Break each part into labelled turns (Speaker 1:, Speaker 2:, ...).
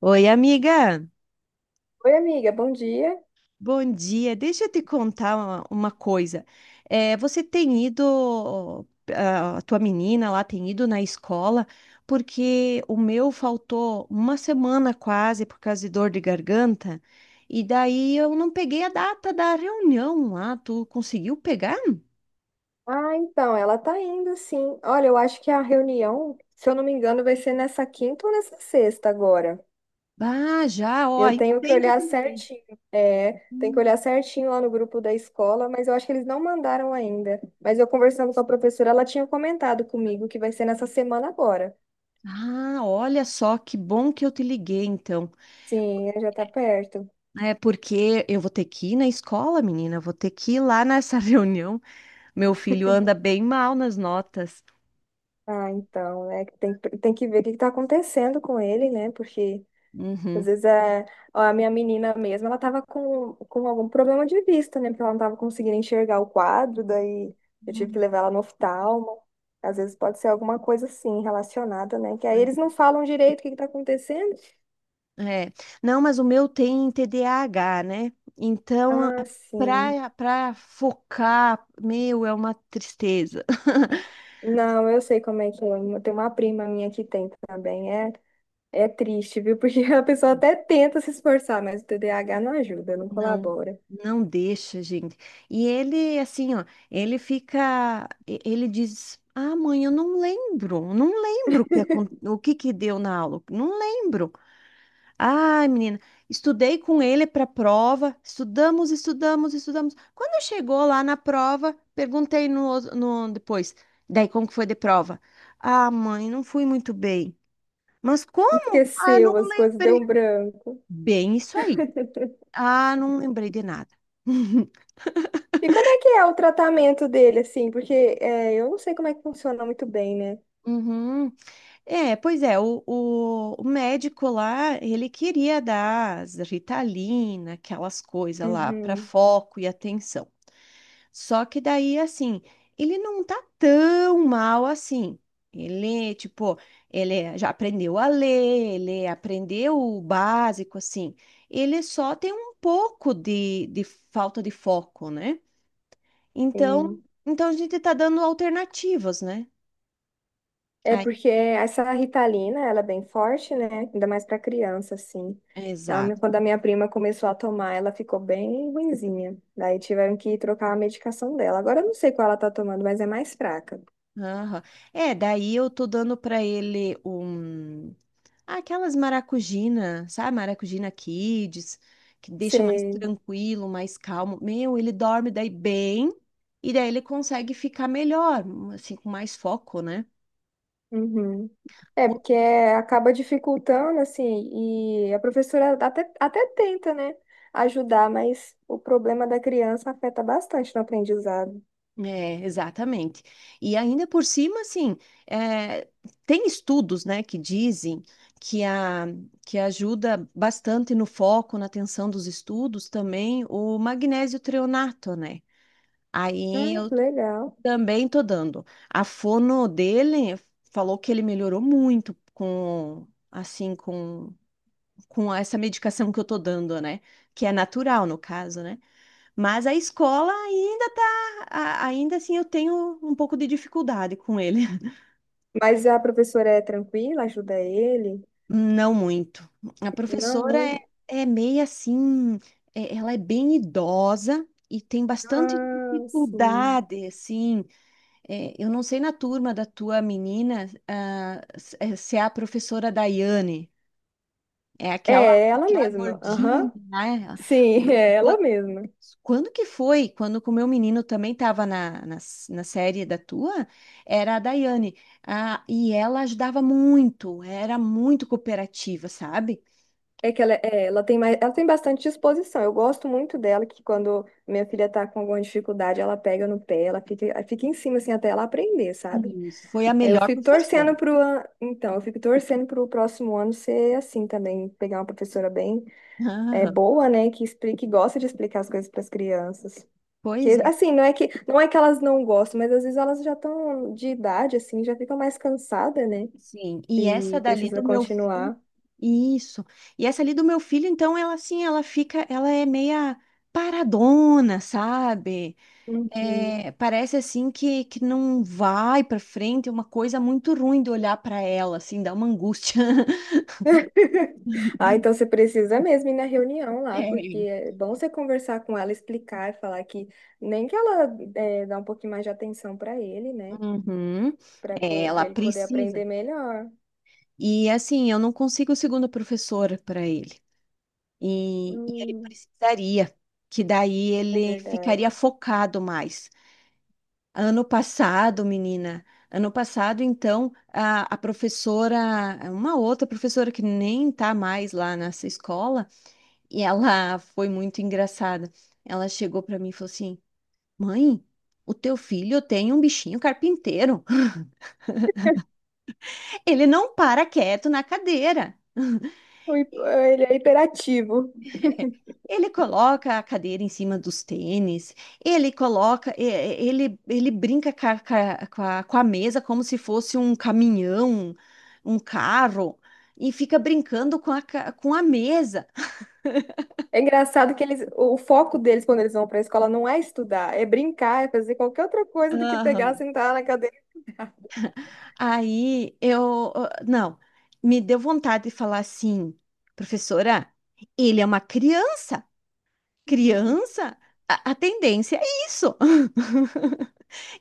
Speaker 1: Oi, amiga.
Speaker 2: Oi, amiga, bom dia.
Speaker 1: Bom dia. Deixa eu te contar uma coisa. Você tem ido, a tua menina lá tem ido na escola, porque o meu faltou uma semana quase por causa de dor de garganta, e daí eu não peguei a data da reunião lá. Tu conseguiu pegar?
Speaker 2: Ah, então, ela tá indo, sim. Olha, eu acho que a reunião, se eu não me engano, vai ser nessa quinta ou nessa sexta agora.
Speaker 1: Ah, já, ó,
Speaker 2: Eu
Speaker 1: ainda
Speaker 2: tenho que
Speaker 1: bem que eu
Speaker 2: olhar
Speaker 1: te liguei.
Speaker 2: certinho. É, tem que
Speaker 1: Hum.
Speaker 2: olhar certinho lá no grupo da escola, mas eu acho que eles não mandaram ainda. Mas eu conversando com a professora, ela tinha comentado comigo que vai ser nessa semana agora.
Speaker 1: Ah, olha só, que bom que eu te liguei, então.
Speaker 2: Sim, né, já tá perto.
Speaker 1: É porque eu vou ter que ir na escola, menina, eu vou ter que ir lá nessa reunião. Meu filho anda bem mal nas notas.
Speaker 2: Ah, então, é que tem que ver o que que tá acontecendo com ele, né? Porque às
Speaker 1: Uhum.
Speaker 2: vezes é. Ó, a minha menina mesmo, ela tava com algum problema de vista, né? Porque ela não tava conseguindo enxergar o quadro, daí eu tive que
Speaker 1: Hum,
Speaker 2: levar ela no oftalmo. Às vezes pode ser alguma coisa assim, relacionada, né? Que aí
Speaker 1: pois
Speaker 2: eles não falam direito o que que tá acontecendo.
Speaker 1: é. É. Não, mas o meu tem TDAH, né? Então,
Speaker 2: Ah, sim.
Speaker 1: para focar, meu, é uma tristeza.
Speaker 2: Não, eu sei como é que é. Tem uma prima minha que tem também. É, é triste, viu? Porque a pessoa até tenta se esforçar, mas o TDAH não ajuda, não
Speaker 1: Não,
Speaker 2: colabora.
Speaker 1: não deixa, gente. E ele, assim, ó, ele fica, ele diz, ah, mãe, eu não lembro, não lembro o que, o que que deu na aula, não lembro. Ai, menina, estudei com ele para a prova, estudamos, estudamos, estudamos. Quando chegou lá na prova, perguntei no depois, daí como que foi de prova? Ah, mãe, não fui muito bem. Mas como? Ah, não
Speaker 2: Esqueceu as coisas, deu um
Speaker 1: lembrei.
Speaker 2: branco.
Speaker 1: Bem isso aí. Ah, não lembrei de nada.
Speaker 2: E como é que é o tratamento dele, assim? Porque é, eu não sei como é que funciona muito bem, né?
Speaker 1: Uhum. É, pois é, o médico lá, ele queria dar as Ritalina, aquelas coisas lá, para
Speaker 2: Uhum,
Speaker 1: foco e atenção. Só que daí, assim, ele não tá tão mal assim. Ele, tipo, ele já aprendeu a ler, ele aprendeu o básico, assim. Ele só tem um pouco de falta de foco, né? Então,
Speaker 2: sim.
Speaker 1: então a gente tá dando alternativas, né?
Speaker 2: É
Speaker 1: Aí-
Speaker 2: porque essa Ritalina, ela é bem forte, né? Ainda mais pra criança, assim.
Speaker 1: exato.
Speaker 2: Quando a minha prima começou a tomar, ela ficou bem ruinzinha. Daí tiveram que trocar a medicação dela. Agora eu não sei qual ela tá tomando, mas é mais fraca.
Speaker 1: Aham. É, daí eu tô dando pra ele um ah, aquelas maracujina, sabe? Maracujina Kids, que deixa mais tranquilo, mais calmo. Meu, ele dorme daí bem e daí ele consegue ficar melhor, assim, com mais foco, né?
Speaker 2: Uhum. É, porque acaba dificultando, assim, e a professora até tenta, né, ajudar, mas o problema da criança afeta bastante no aprendizado.
Speaker 1: É, exatamente. E ainda por cima, assim, é, tem estudos, né, que dizem que, a, que ajuda bastante no foco, na atenção dos estudos, também o magnésio treonato, né?
Speaker 2: Ah,
Speaker 1: Aí eu
Speaker 2: que legal.
Speaker 1: também tô dando. A fono dele falou que ele melhorou muito assim, com, com essa medicação que eu tô dando, né? Que é natural, no caso, né? Mas a escola ainda tá, ainda assim eu tenho um pouco de dificuldade com ele.
Speaker 2: Mas a professora é tranquila, ajuda ele?
Speaker 1: Não muito. A
Speaker 2: Não,
Speaker 1: professora é,
Speaker 2: muito.
Speaker 1: é meio assim, ela é bem idosa e tem bastante
Speaker 2: Ah, sim.
Speaker 1: dificuldade, assim. É, eu não sei na turma da tua menina, ah, se é a professora Daiane, é aquela,
Speaker 2: É ela
Speaker 1: aquela
Speaker 2: mesma. Aham.
Speaker 1: gordinha, né?
Speaker 2: Sim, é ela mesma.
Speaker 1: Quando que foi? Quando que o meu menino também estava na na série da tua, era a Daiane. Ah, e ela ajudava muito, era muito cooperativa, sabe?
Speaker 2: É que ela, ela tem mais, ela tem bastante disposição. Eu gosto muito dela, que quando minha filha tá com alguma dificuldade, ela pega no pé, ela fica em cima, assim, até ela aprender, sabe?
Speaker 1: Isso. Foi a
Speaker 2: Aí eu
Speaker 1: melhor
Speaker 2: fico
Speaker 1: professora.
Speaker 2: torcendo pro, então, eu fico torcendo pro próximo ano ser assim também, pegar uma professora bem,
Speaker 1: Aham,
Speaker 2: boa, né, que explique, que gosta de explicar as coisas para as crianças.
Speaker 1: pois
Speaker 2: Que,
Speaker 1: é,
Speaker 2: assim, não é que elas não gostam, mas às vezes elas já estão de idade, assim, já ficam mais cansadas, né?
Speaker 1: sim. E
Speaker 2: E
Speaker 1: essa dali
Speaker 2: precisa
Speaker 1: do meu filho,
Speaker 2: continuar.
Speaker 1: isso. E essa ali do meu filho, então, ela assim, ela fica, ela é meia paradona, sabe?
Speaker 2: Uhum.
Speaker 1: É, parece assim que não vai pra frente, é uma coisa muito ruim de olhar pra ela, assim, dá uma angústia.
Speaker 2: Ah, então você precisa mesmo ir na reunião lá, porque
Speaker 1: É.
Speaker 2: é bom você conversar com ela, explicar, falar que nem que ela é, dá um pouquinho mais de atenção para ele, né?
Speaker 1: Uhum.
Speaker 2: Para
Speaker 1: É, ela
Speaker 2: para ele poder
Speaker 1: precisa.
Speaker 2: aprender melhor.
Speaker 1: E assim, eu não consigo segunda professora para ele. E ele
Speaker 2: Hum,
Speaker 1: precisaria, que daí
Speaker 2: é
Speaker 1: ele
Speaker 2: verdade.
Speaker 1: ficaria focado mais. Ano passado, menina, ano passado, então, a professora, uma outra professora que nem tá mais lá nessa escola, e ela foi muito engraçada. Ela chegou para mim e falou assim: mãe, o teu filho tem um bichinho carpinteiro. Ele não para quieto na cadeira.
Speaker 2: O hi- Ele é hiperativo.
Speaker 1: Ele coloca a cadeira em cima dos tênis, ele coloca, ele, ele brinca com a, com a mesa como se fosse um caminhão, um carro, e fica brincando com a, com a mesa.
Speaker 2: É engraçado que eles, o foco deles quando eles vão para a escola não é estudar, é brincar, é fazer qualquer outra coisa do que pegar, sentar na cadeira.
Speaker 1: Aí eu, ah, não, me deu vontade de falar assim, professora, ele é uma criança, criança, a tendência é isso.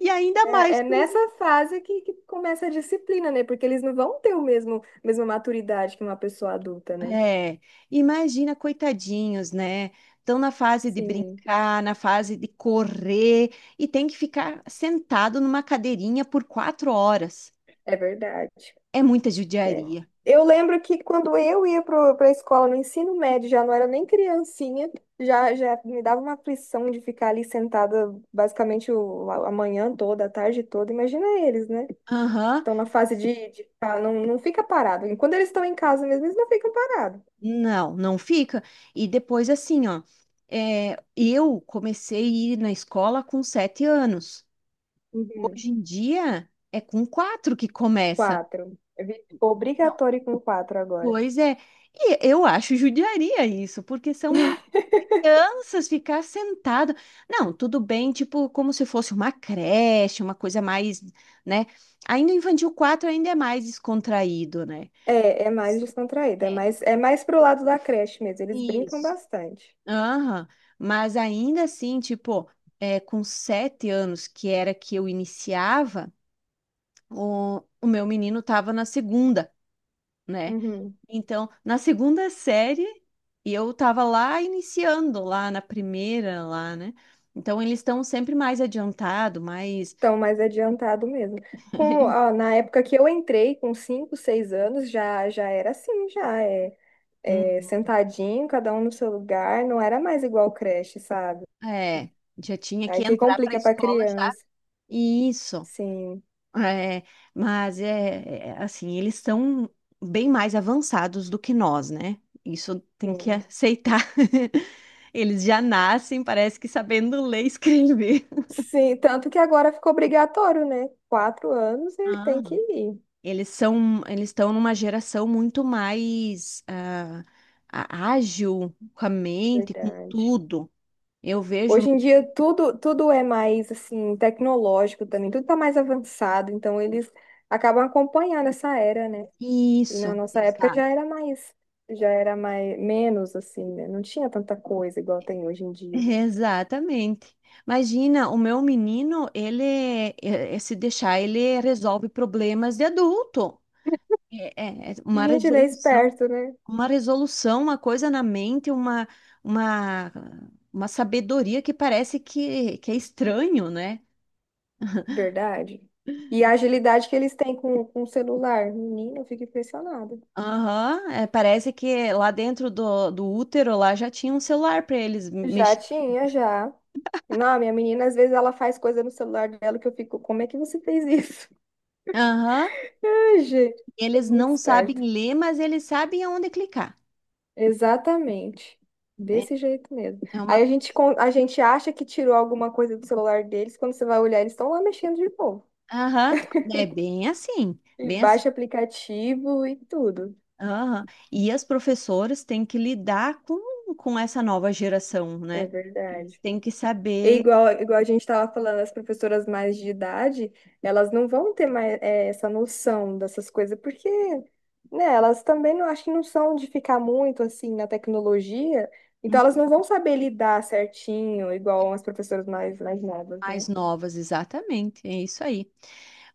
Speaker 1: E ainda
Speaker 2: É,
Speaker 1: mais,
Speaker 2: é nessa fase que começa a disciplina, né? Porque eles não vão ter o mesmo, mesma maturidade que uma pessoa adulta, né?
Speaker 1: é, imagina, coitadinhos, né? Estão na fase de
Speaker 2: Sim,
Speaker 1: brincar, na fase de correr e tem que ficar sentado numa cadeirinha por 4 horas.
Speaker 2: é verdade.
Speaker 1: É muita
Speaker 2: É.
Speaker 1: judiaria.
Speaker 2: Eu lembro que quando eu ia para a escola no ensino médio, já não era nem criancinha, já me dava uma aflição de ficar ali sentada basicamente o, a manhã toda, a tarde toda. Imagina eles, né?
Speaker 1: Aham.
Speaker 2: Estão na fase de não, não fica parado. E quando eles estão em casa mesmo, eles não ficam parados.
Speaker 1: Não, não fica. E depois, assim, ó, é, eu comecei a ir na escola com 7 anos.
Speaker 2: Uhum.
Speaker 1: Hoje em dia é com quatro que começa.
Speaker 2: Quatro.
Speaker 1: Não.
Speaker 2: Obrigatório com quatro agora.
Speaker 1: Pois é. E eu acho judiaria isso, porque são crianças ficar sentado. Não, tudo bem, tipo, como se fosse uma creche, uma coisa mais, né? Ainda o infantil 4 ainda é mais descontraído, né?
Speaker 2: É, é mais descontraída,
Speaker 1: É.
Speaker 2: é mais pro lado da creche mesmo. Eles brincam
Speaker 1: Isso.
Speaker 2: bastante.
Speaker 1: Aham, mas ainda assim, tipo, é, com 7 anos, que era que eu iniciava, o meu menino tava na segunda, né?
Speaker 2: Uhum.
Speaker 1: Então, na segunda série, e eu tava lá iniciando, lá na primeira, lá, né? Então, eles estão sempre mais adiantado, mais.
Speaker 2: Estão mais adiantado mesmo. Ó, na época que eu entrei, com 5, 6 anos, já era assim, já é
Speaker 1: Hum,
Speaker 2: sentadinho, cada um no seu lugar, não era mais igual creche, sabe?
Speaker 1: é, já tinha que
Speaker 2: Aí que
Speaker 1: entrar para a
Speaker 2: complica pra
Speaker 1: escola já.
Speaker 2: criança.
Speaker 1: Isso.
Speaker 2: Sim,
Speaker 1: É, mas é, é, assim, eles são bem mais avançados do que nós, né? Isso tem que
Speaker 2: sim.
Speaker 1: aceitar. Eles já nascem, parece que sabendo ler e escrever.
Speaker 2: Sim, tanto que agora ficou obrigatório, né? Quatro anos e
Speaker 1: Ah,
Speaker 2: tem que ir.
Speaker 1: eles são, eles estão numa geração muito mais ah, ágil com a mente, com
Speaker 2: Verdade.
Speaker 1: tudo. Eu vejo
Speaker 2: Hoje em dia tudo é mais assim tecnológico também, tudo está mais avançado, então eles acabam acompanhando essa era, né? E na
Speaker 1: isso.
Speaker 2: nossa época
Speaker 1: Exato.
Speaker 2: já era mais menos assim, né? Não tinha tanta coisa igual tem hoje em dia.
Speaker 1: Exatamente. Imagina, o meu menino, ele, se deixar, ele resolve problemas de adulto. É, é uma
Speaker 2: Gente, ele é
Speaker 1: resolução,
Speaker 2: esperto, né?
Speaker 1: uma resolução, uma coisa na mente, uma, uma sabedoria que parece que é estranho, né?
Speaker 2: Verdade. E a agilidade que eles têm com o celular, menina, eu fico impressionada.
Speaker 1: Aham, é, parece que lá dentro do útero lá já tinha um celular para eles
Speaker 2: Já
Speaker 1: mexer.
Speaker 2: tinha, já. Não, minha menina, às vezes ela faz coisa no celular dela que eu fico, como é que você fez isso?
Speaker 1: Aham,
Speaker 2: Ai, gente, é
Speaker 1: eles
Speaker 2: muito
Speaker 1: não sabem
Speaker 2: esperto.
Speaker 1: ler, mas eles sabem aonde clicar.
Speaker 2: Exatamente.
Speaker 1: Né?
Speaker 2: Desse jeito mesmo.
Speaker 1: É
Speaker 2: Aí
Speaker 1: uma
Speaker 2: a gente acha que tirou alguma coisa do celular deles, quando você vai olhar, eles estão lá mexendo de novo.
Speaker 1: aham, é bem assim,
Speaker 2: E
Speaker 1: bem assim.
Speaker 2: baixa aplicativo e tudo.
Speaker 1: Aham. E as professoras têm que lidar com essa nova geração,
Speaker 2: É
Speaker 1: né? Eles
Speaker 2: verdade.
Speaker 1: têm que
Speaker 2: E
Speaker 1: saber
Speaker 2: igual a gente estava falando, as professoras mais de idade, elas não vão ter mais essa noção dessas coisas, porque, né, elas também não acho que não são de ficar muito assim na tecnologia, então elas não vão saber lidar certinho, igual as professoras mais novas, né?
Speaker 1: mais novas, exatamente, é isso aí.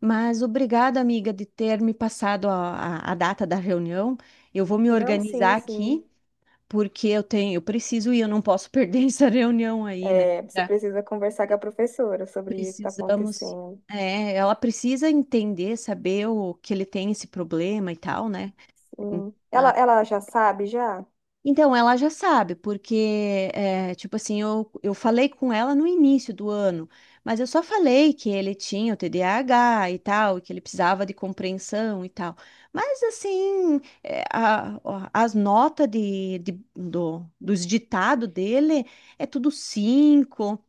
Speaker 1: Mas obrigada, amiga, de ter me passado a data da reunião. Eu vou me
Speaker 2: Não,
Speaker 1: organizar
Speaker 2: sim,
Speaker 1: aqui,
Speaker 2: sim.
Speaker 1: porque eu tenho, eu preciso ir, eu não posso perder essa reunião aí, né?
Speaker 2: É, você
Speaker 1: Tá.
Speaker 2: precisa conversar com a professora sobre o que está
Speaker 1: Precisamos,
Speaker 2: acontecendo.
Speaker 1: é, ela precisa entender, saber o que ele tem esse problema e tal, né? Hum.
Speaker 2: Sim. Ela,
Speaker 1: Ah.
Speaker 2: ela já sabe, já?
Speaker 1: Então, ela já sabe, porque, é, tipo assim, eu falei com ela no início do ano, mas eu só falei que ele tinha o TDAH e tal, e que ele precisava de compreensão e tal. Mas, assim, é, ó, as notas de, dos ditados dele é tudo 5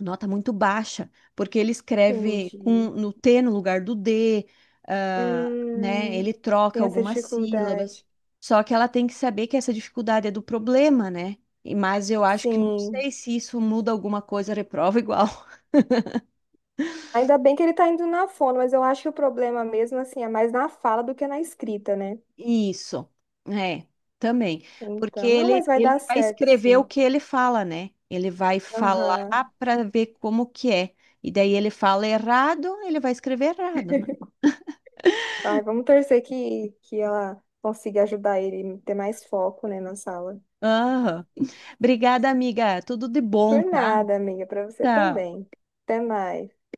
Speaker 1: nota muito baixa, porque ele escreve com,
Speaker 2: Entendi.
Speaker 1: no T no lugar do D, ah, né? Ele
Speaker 2: Hum,
Speaker 1: troca
Speaker 2: tem essa
Speaker 1: algumas sílabas.
Speaker 2: dificuldade.
Speaker 1: Só que ela tem que saber que essa dificuldade é do problema, né? E- mas eu acho que não
Speaker 2: Sim.
Speaker 1: sei se isso muda alguma coisa, reprova igual.
Speaker 2: Ainda bem que ele está indo na fono, mas eu acho que o problema mesmo, assim, é mais na fala do que na escrita, né?
Speaker 1: Isso, é, também. Porque
Speaker 2: Então, não, mas
Speaker 1: ele,
Speaker 2: vai dar
Speaker 1: ele vai
Speaker 2: certo,
Speaker 1: escrever o
Speaker 2: sim.
Speaker 1: que ele fala, né? Ele vai falar
Speaker 2: Aham.
Speaker 1: para ver como que é. E daí ele fala errado, ele vai escrever errado, né?
Speaker 2: Ai, vamos torcer que ela consiga ajudar ele a ter mais foco, né, na sala.
Speaker 1: Aham. Obrigada, amiga. Tudo de bom,
Speaker 2: Por
Speaker 1: tá?
Speaker 2: nada, amiga, para você
Speaker 1: Tchau.
Speaker 2: também. Até mais.